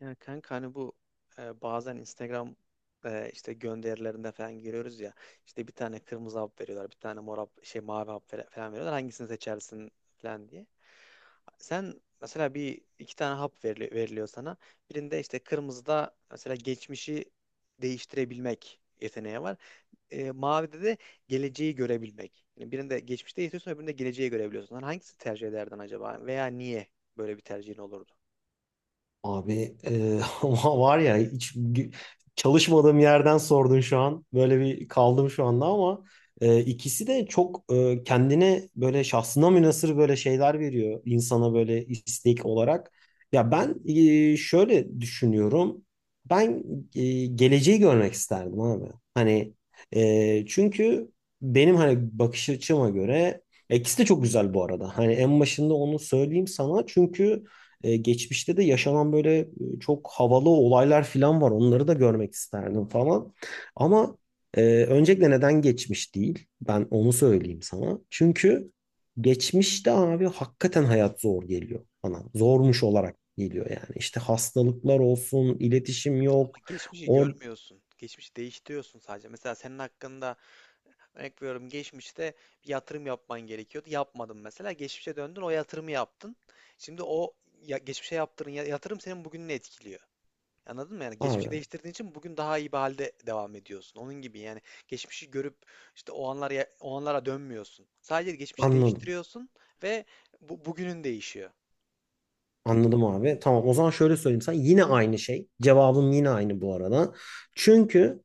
Ya kanka hani bu bazen Instagram işte gönderilerinde falan görüyoruz ya işte bir tane kırmızı hap veriyorlar, bir tane mor hap, şey, mavi hap falan veriyorlar, hangisini seçersin falan diye. Sen mesela bir iki tane hap veriliyor sana, birinde işte kırmızıda mesela geçmişi değiştirebilmek yeteneği var. Mavide de geleceği görebilmek. Yani birinde geçmişte yetiyorsun, öbüründe geleceği görebiliyorsun. Hani hangisini tercih ederdin acaba, veya niye böyle bir tercihin olurdu? Abi, e, ama var ya hiç çalışmadığım yerden sordun şu an. Böyle bir kaldım şu anda ama ikisi de çok kendine böyle şahsına münhasır böyle şeyler veriyor insana böyle istek olarak. Ya ben şöyle düşünüyorum. Ben geleceği görmek isterdim abi. Hani çünkü benim hani bakış açıma göre ikisi de çok güzel bu arada. Hani en başında onu söyleyeyim sana çünkü geçmişte de yaşanan böyle çok havalı olaylar falan var. Onları da görmek isterdim falan. Ama öncelikle neden geçmiş değil? Ben onu söyleyeyim sana. Çünkü geçmişte abi hakikaten hayat zor geliyor bana. Zormuş olarak geliyor yani. İşte hastalıklar olsun, iletişim yok. Geçmişi Or görmüyorsun. Geçmişi değiştiriyorsun sadece. Mesela senin hakkında örnek veriyorum, geçmişte bir yatırım yapman gerekiyordu. Yapmadın mesela. Geçmişe döndün, o yatırımı yaptın. Şimdi o ya, geçmişe yaptığın yatırım senin bugününü etkiliyor. Anladın mı? Yani geçmişi Abi değiştirdiğin için bugün daha iyi bir halde devam ediyorsun. Onun gibi yani, geçmişi görüp işte o anlara dönmüyorsun. Sadece geçmişi anladım. değiştiriyorsun ve bugünün değişiyor. Anladım abi. Tamam, o zaman şöyle söyleyeyim sana. Yine aynı şey. Cevabım yine aynı bu arada. Çünkü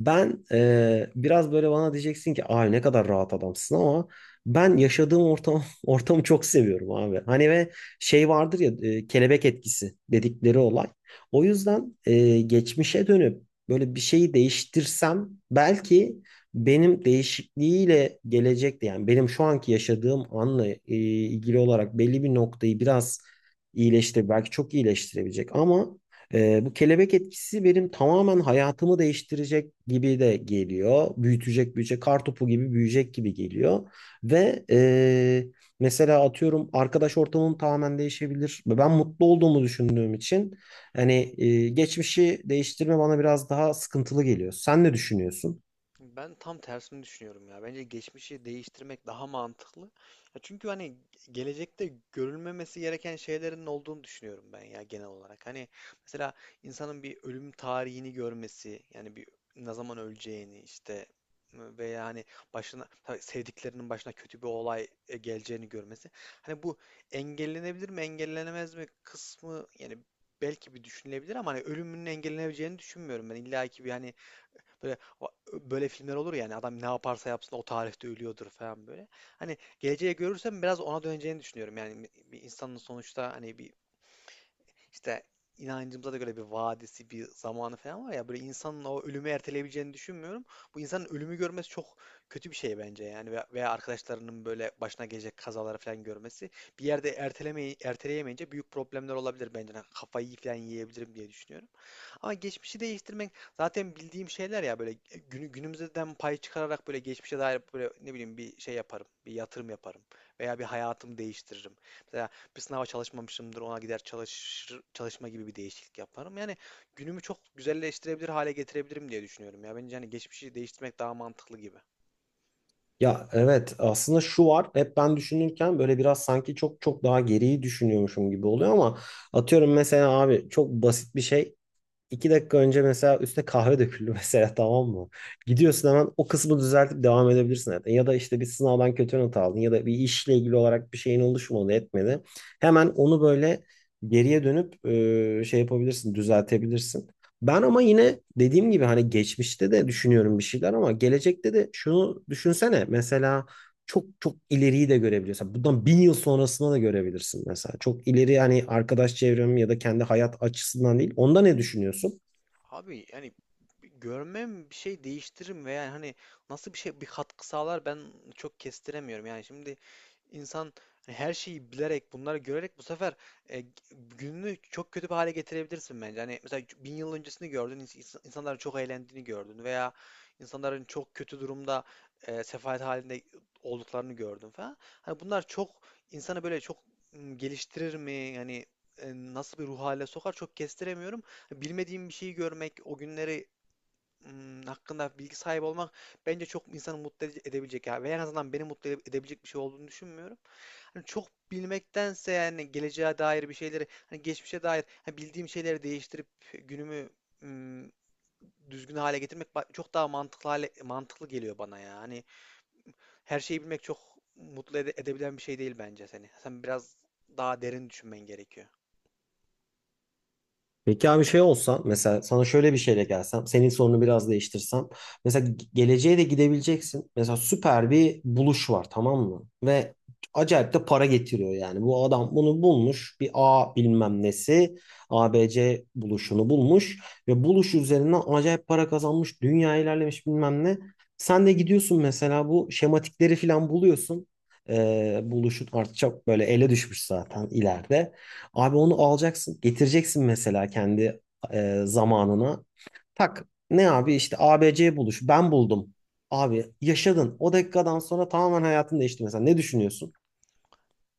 ben biraz böyle bana diyeceksin ki ay ne kadar rahat adamsın, ama ben yaşadığım ortam ortamı çok seviyorum abi. Hani ve şey vardır ya, kelebek etkisi dedikleri olay. O yüzden geçmişe dönüp böyle bir şeyi değiştirsem, belki benim değişikliğiyle gelecekte, yani benim şu anki yaşadığım anla ilgili olarak belli bir noktayı biraz iyileştir, belki çok iyileştirebilecek, ama bu kelebek etkisi benim tamamen hayatımı değiştirecek gibi de geliyor. Büyütecek, büyüyecek, kartopu gibi büyüyecek gibi geliyor. Ve mesela atıyorum, arkadaş ortamım tamamen değişebilir. Ve ben mutlu olduğumu düşündüğüm için hani geçmişi değiştirme bana biraz daha sıkıntılı geliyor. Sen ne düşünüyorsun? Ben tam tersini düşünüyorum ya. Bence geçmişi değiştirmek daha mantıklı. Ya çünkü hani gelecekte görülmemesi gereken şeylerin olduğunu düşünüyorum ben ya, genel olarak. Hani mesela insanın bir ölüm tarihini görmesi, yani bir ne zaman öleceğini işte, veya hani başına, tabii sevdiklerinin başına kötü bir olay geleceğini görmesi. Hani bu engellenebilir mi, engellenemez mi kısmı yani belki bir düşünülebilir, ama hani ölümünün engellenebileceğini düşünmüyorum ben. İlla ki bir, hani böyle böyle filmler olur yani, adam ne yaparsa yapsın o tarihte ölüyordur falan, böyle. Hani geleceği görürsem biraz ona döneceğini düşünüyorum. Yani bir insanın sonuçta hani bir işte, inancımıza da göre bir vadisi, bir zamanı falan var ya, böyle insanın o ölümü erteleyebileceğini düşünmüyorum. Bu insanın ölümü görmesi çok kötü bir şey bence yani, veya arkadaşlarının böyle başına gelecek kazaları falan görmesi, bir yerde ertelemeyi erteleyemeyince büyük problemler olabilir bence. Yani kafayı falan yiyebilirim diye düşünüyorum. Ama geçmişi değiştirmek, zaten bildiğim şeyler ya, böyle günümüzden pay çıkararak böyle geçmişe dair, böyle ne bileyim bir şey yaparım. Bir yatırım yaparım. Veya bir hayatımı değiştiririm. Mesela bir sınava çalışmamışımdır, ona gider çalışma gibi bir değişiklik yaparım. Yani günümü çok güzelleştirebilir hale getirebilirim diye düşünüyorum ya. Bence hani geçmişi değiştirmek daha mantıklı gibi. Ya evet, aslında şu var, hep ben düşünürken böyle biraz sanki çok çok daha geriyi düşünüyormuşum gibi oluyor, ama atıyorum mesela abi, çok basit bir şey. 2 dakika önce mesela üstüne kahve döküldü mesela, tamam mı? Gidiyorsun, hemen o kısmı düzeltip devam edebilirsin zaten. Ya da işte bir sınavdan kötü not aldın, ya da bir işle ilgili olarak bir şeyin oluşmadı, etmedi. Hemen onu böyle geriye dönüp şey yapabilirsin, düzeltebilirsin. Ben ama yine dediğim gibi hani geçmişte de düşünüyorum bir şeyler, ama gelecekte de şunu düşünsene. Mesela çok çok ileriyi de görebiliyorsun. Bundan 1.000 yıl sonrasına da görebilirsin mesela. Çok ileri yani, arkadaş çevrem ya da kendi hayat açısından değil. Onda ne düşünüyorsun? Abi yani görmem bir şey değiştirir mi, veya hani nasıl bir şey, bir katkı sağlar, ben çok kestiremiyorum. Yani şimdi insan hani her şeyi bilerek, bunları görerek bu sefer e, gününü çok kötü bir hale getirebilirsin bence. Hani mesela 1.000 yıl öncesini gördün, insanların çok eğlendiğini gördün, veya insanların çok kötü durumda, sefalet halinde olduklarını gördün falan. Hani bunlar çok, insanı böyle çok geliştirir mi? Yani nasıl bir ruh haline sokar, çok kestiremiyorum. Bilmediğim bir şeyi görmek, o günleri hakkında bilgi sahibi olmak bence çok insanı mutlu edebilecek ya. Ve en azından beni mutlu edebilecek bir şey olduğunu düşünmüyorum. Hani çok bilmektense yani, geleceğe dair bir şeyleri, hani geçmişe dair hani bildiğim şeyleri değiştirip günümü hmm, düzgün hale getirmek çok daha mantıklı geliyor bana ya. Hani her şeyi bilmek çok mutlu edebilen bir şey değil bence seni. Sen biraz daha derin düşünmen gerekiyor. Peki abi, şey olsan mesela, sana şöyle bir şeyle gelsem, senin sorunu biraz değiştirsem, mesela geleceğe de gidebileceksin. Mesela süper bir buluş var, tamam mı, ve acayip de para getiriyor. Yani bu adam bunu bulmuş, bir A bilmem nesi, ABC buluşunu bulmuş ve buluş üzerinden acayip para kazanmış, dünya ilerlemiş bilmem ne. Sen de gidiyorsun mesela, bu şematikleri falan buluyorsun. Buluşun artık çok böyle ele düşmüş zaten ileride. Abi onu alacaksın, getireceksin mesela kendi zamanına. Tak ne abi, işte A B ABC buluş, ben buldum. Abi yaşadın. O dakikadan sonra tamamen hayatın değişti mesela. Ne düşünüyorsun?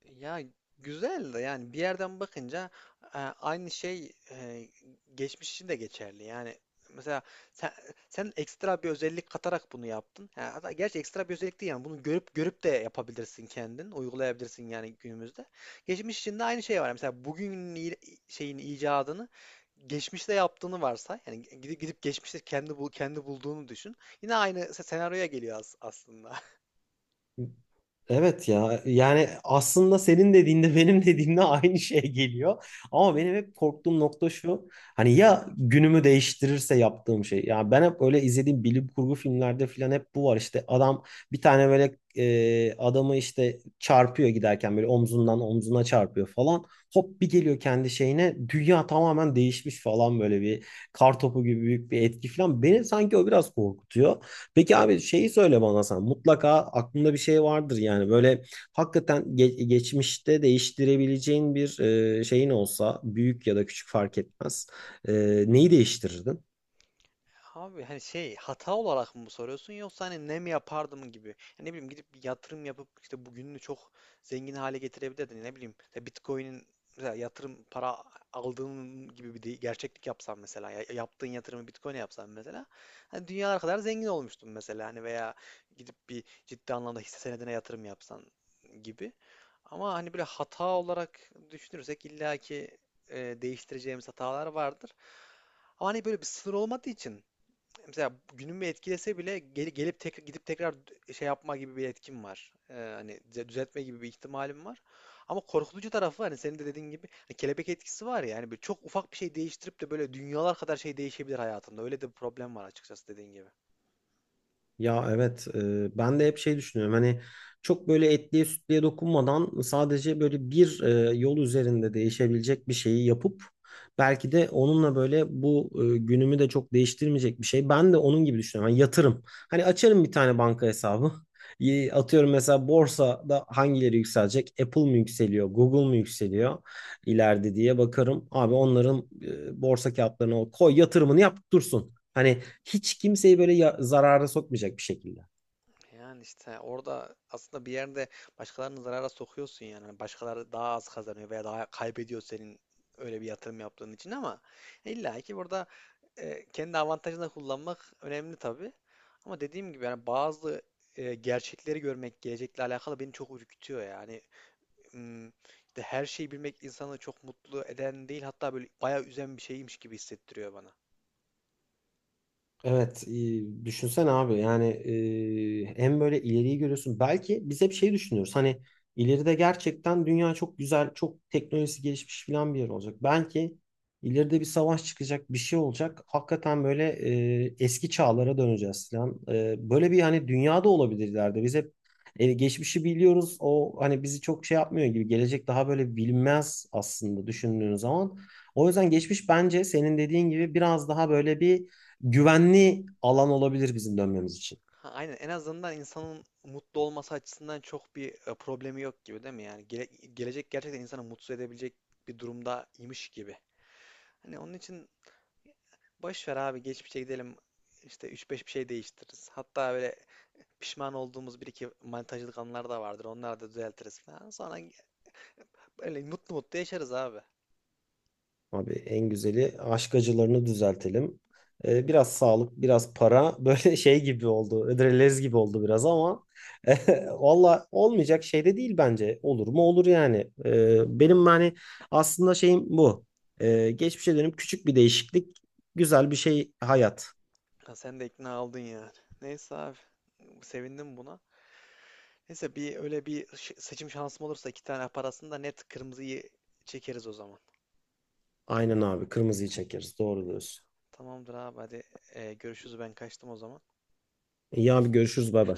Ya güzel de yani, bir yerden bakınca aynı şey geçmiş için de geçerli. Yani mesela sen, sen ekstra bir özellik katarak bunu yaptın. Ha, hatta gerçi ekstra bir özellik değil yani, bunu görüp görüp de yapabilirsin kendin, uygulayabilirsin yani günümüzde. Geçmiş için de aynı şey var. Mesela şeyin icadını geçmişte yaptığını varsay. Yani gidip gidip geçmişte kendi bulduğunu düşün. Yine aynı senaryoya geliyor aslında. Evet ya, yani aslında senin dediğinde benim dediğimde aynı şey geliyor. Ama benim hep korktuğum nokta şu. Hani ya günümü değiştirirse yaptığım şey. Ya ben hep öyle izlediğim bilim kurgu filmlerde falan hep bu var. İşte adam bir tane böyle adamı, işte çarpıyor giderken, böyle omzundan omzuna çarpıyor falan. Hop bir geliyor kendi şeyine, dünya tamamen değişmiş falan, böyle bir kar topu gibi büyük bir etki falan. Beni sanki o biraz korkutuyor. Peki abi, şeyi söyle bana sen. Mutlaka aklında bir şey vardır yani. Böyle hakikaten geçmişte değiştirebileceğin bir şeyin olsa, büyük ya da küçük fark etmez. E, Neyi değiştirirdin? Abi hani şey, hata olarak mı soruyorsun, yoksa hani ne mi yapardım gibi. Yani ne bileyim, gidip bir yatırım yapıp işte bugününü çok zengin hale getirebilirdin. Ne bileyim ya, Bitcoin'in mesela yatırım para aldığın gibi bir gerçeklik yapsam mesela, yaptığın yatırımı Bitcoin'e yapsam mesela, hani dünyalar kadar zengin olmuştun mesela, hani veya gidip bir ciddi anlamda hisse senedine yatırım yapsan gibi. Ama hani böyle hata olarak düşünürsek illaki e, değiştireceğimiz hatalar vardır. Ama hani böyle bir sınır olmadığı için, mesela günümü etkilese bile gelip gidip tekrar şey yapma gibi bir etkim var. Hani düzeltme gibi bir ihtimalim var. Ama korkutucu tarafı, hani senin de dediğin gibi hani kelebek etkisi var ya. Yani böyle çok ufak bir şey değiştirip de böyle dünyalar kadar şey değişebilir hayatında. Öyle de bir problem var açıkçası, dediğin gibi. Ya evet, ben de hep şey düşünüyorum, hani çok böyle etliye sütlüye dokunmadan, sadece böyle bir yol üzerinde değişebilecek bir şeyi yapıp, belki de onunla böyle bu günümü de çok değiştirmeyecek bir şey. Ben de onun gibi düşünüyorum. Hani yatırım. Hani açarım bir tane banka hesabı. Atıyorum mesela, borsada hangileri yükselecek? Apple mı yükseliyor? Google mu yükseliyor ileride diye bakarım. Abi onların borsa kağıtlarına koy yatırımını, yap dursun. Hani hiç kimseyi böyle zarara sokmayacak bir şekilde. Yani işte orada aslında bir yerde başkalarını zarara sokuyorsun yani. Hani başkaları daha az kazanıyor veya daha kaybediyor senin öyle bir yatırım yaptığın için, ama illa ki burada kendi avantajını kullanmak önemli tabii. Ama dediğim gibi yani, bazı gerçekleri görmek, gelecekle alakalı beni çok ürkütüyor yani. Hmm, işte her şeyi bilmek insanı çok mutlu eden değil, hatta böyle bayağı üzen bir şeymiş gibi hissettiriyor bana. Evet, düşünsene abi, yani hem böyle ileriyi görüyorsun. Belki biz hep şey düşünüyoruz, hani ileride gerçekten dünya çok güzel, çok teknolojisi gelişmiş falan bir yer olacak. Belki ileride bir savaş çıkacak, bir şey olacak. Hakikaten böyle eski çağlara döneceğiz falan. Böyle bir hani dünyada olabilir ileride. Biz hep geçmişi biliyoruz. O hani bizi çok şey yapmıyor gibi. Gelecek daha böyle bilinmez aslında düşündüğün zaman. O yüzden geçmiş, bence senin dediğin gibi, biraz daha böyle bir güvenli alan olabilir bizim dönmemiz için. Ha, aynen, en azından insanın mutlu olması açısından çok bir problemi yok gibi, değil mi? Yani gelecek gerçekten insanı mutsuz edebilecek bir durumdaymış gibi. Hani onun için boş ver abi, geçmişe gidelim, işte üç beş bir şey değiştiririz. Hatta böyle pişman olduğumuz bir iki manitacılık anlar da vardır. Onları da düzeltiriz falan. Sonra böyle mutlu mutlu yaşarız abi. Abi en güzeli, aşk acılarını düzeltelim. Biraz sağlık, biraz para, böyle şey gibi oldu. Ödrelez gibi oldu biraz ama, valla olmayacak şey de değil bence. Olur mu, olur yani. Benim hani aslında şeyim bu. Geçmişe dönüp küçük bir değişiklik, güzel bir şey hayat. Ha, sen de ikna oldun yani. Neyse abi, sevindim buna. Neyse, bir öyle bir seçim şansım olursa, iki tane parasını da net kırmızıyı çekeriz o zaman. Aynen abi, kırmızıyı çekeriz. Doğru Neyse. diyorsun. Tamamdır abi, hadi görüşürüz, ben kaçtım o zaman. İyi abi, görüşürüz, bay bay.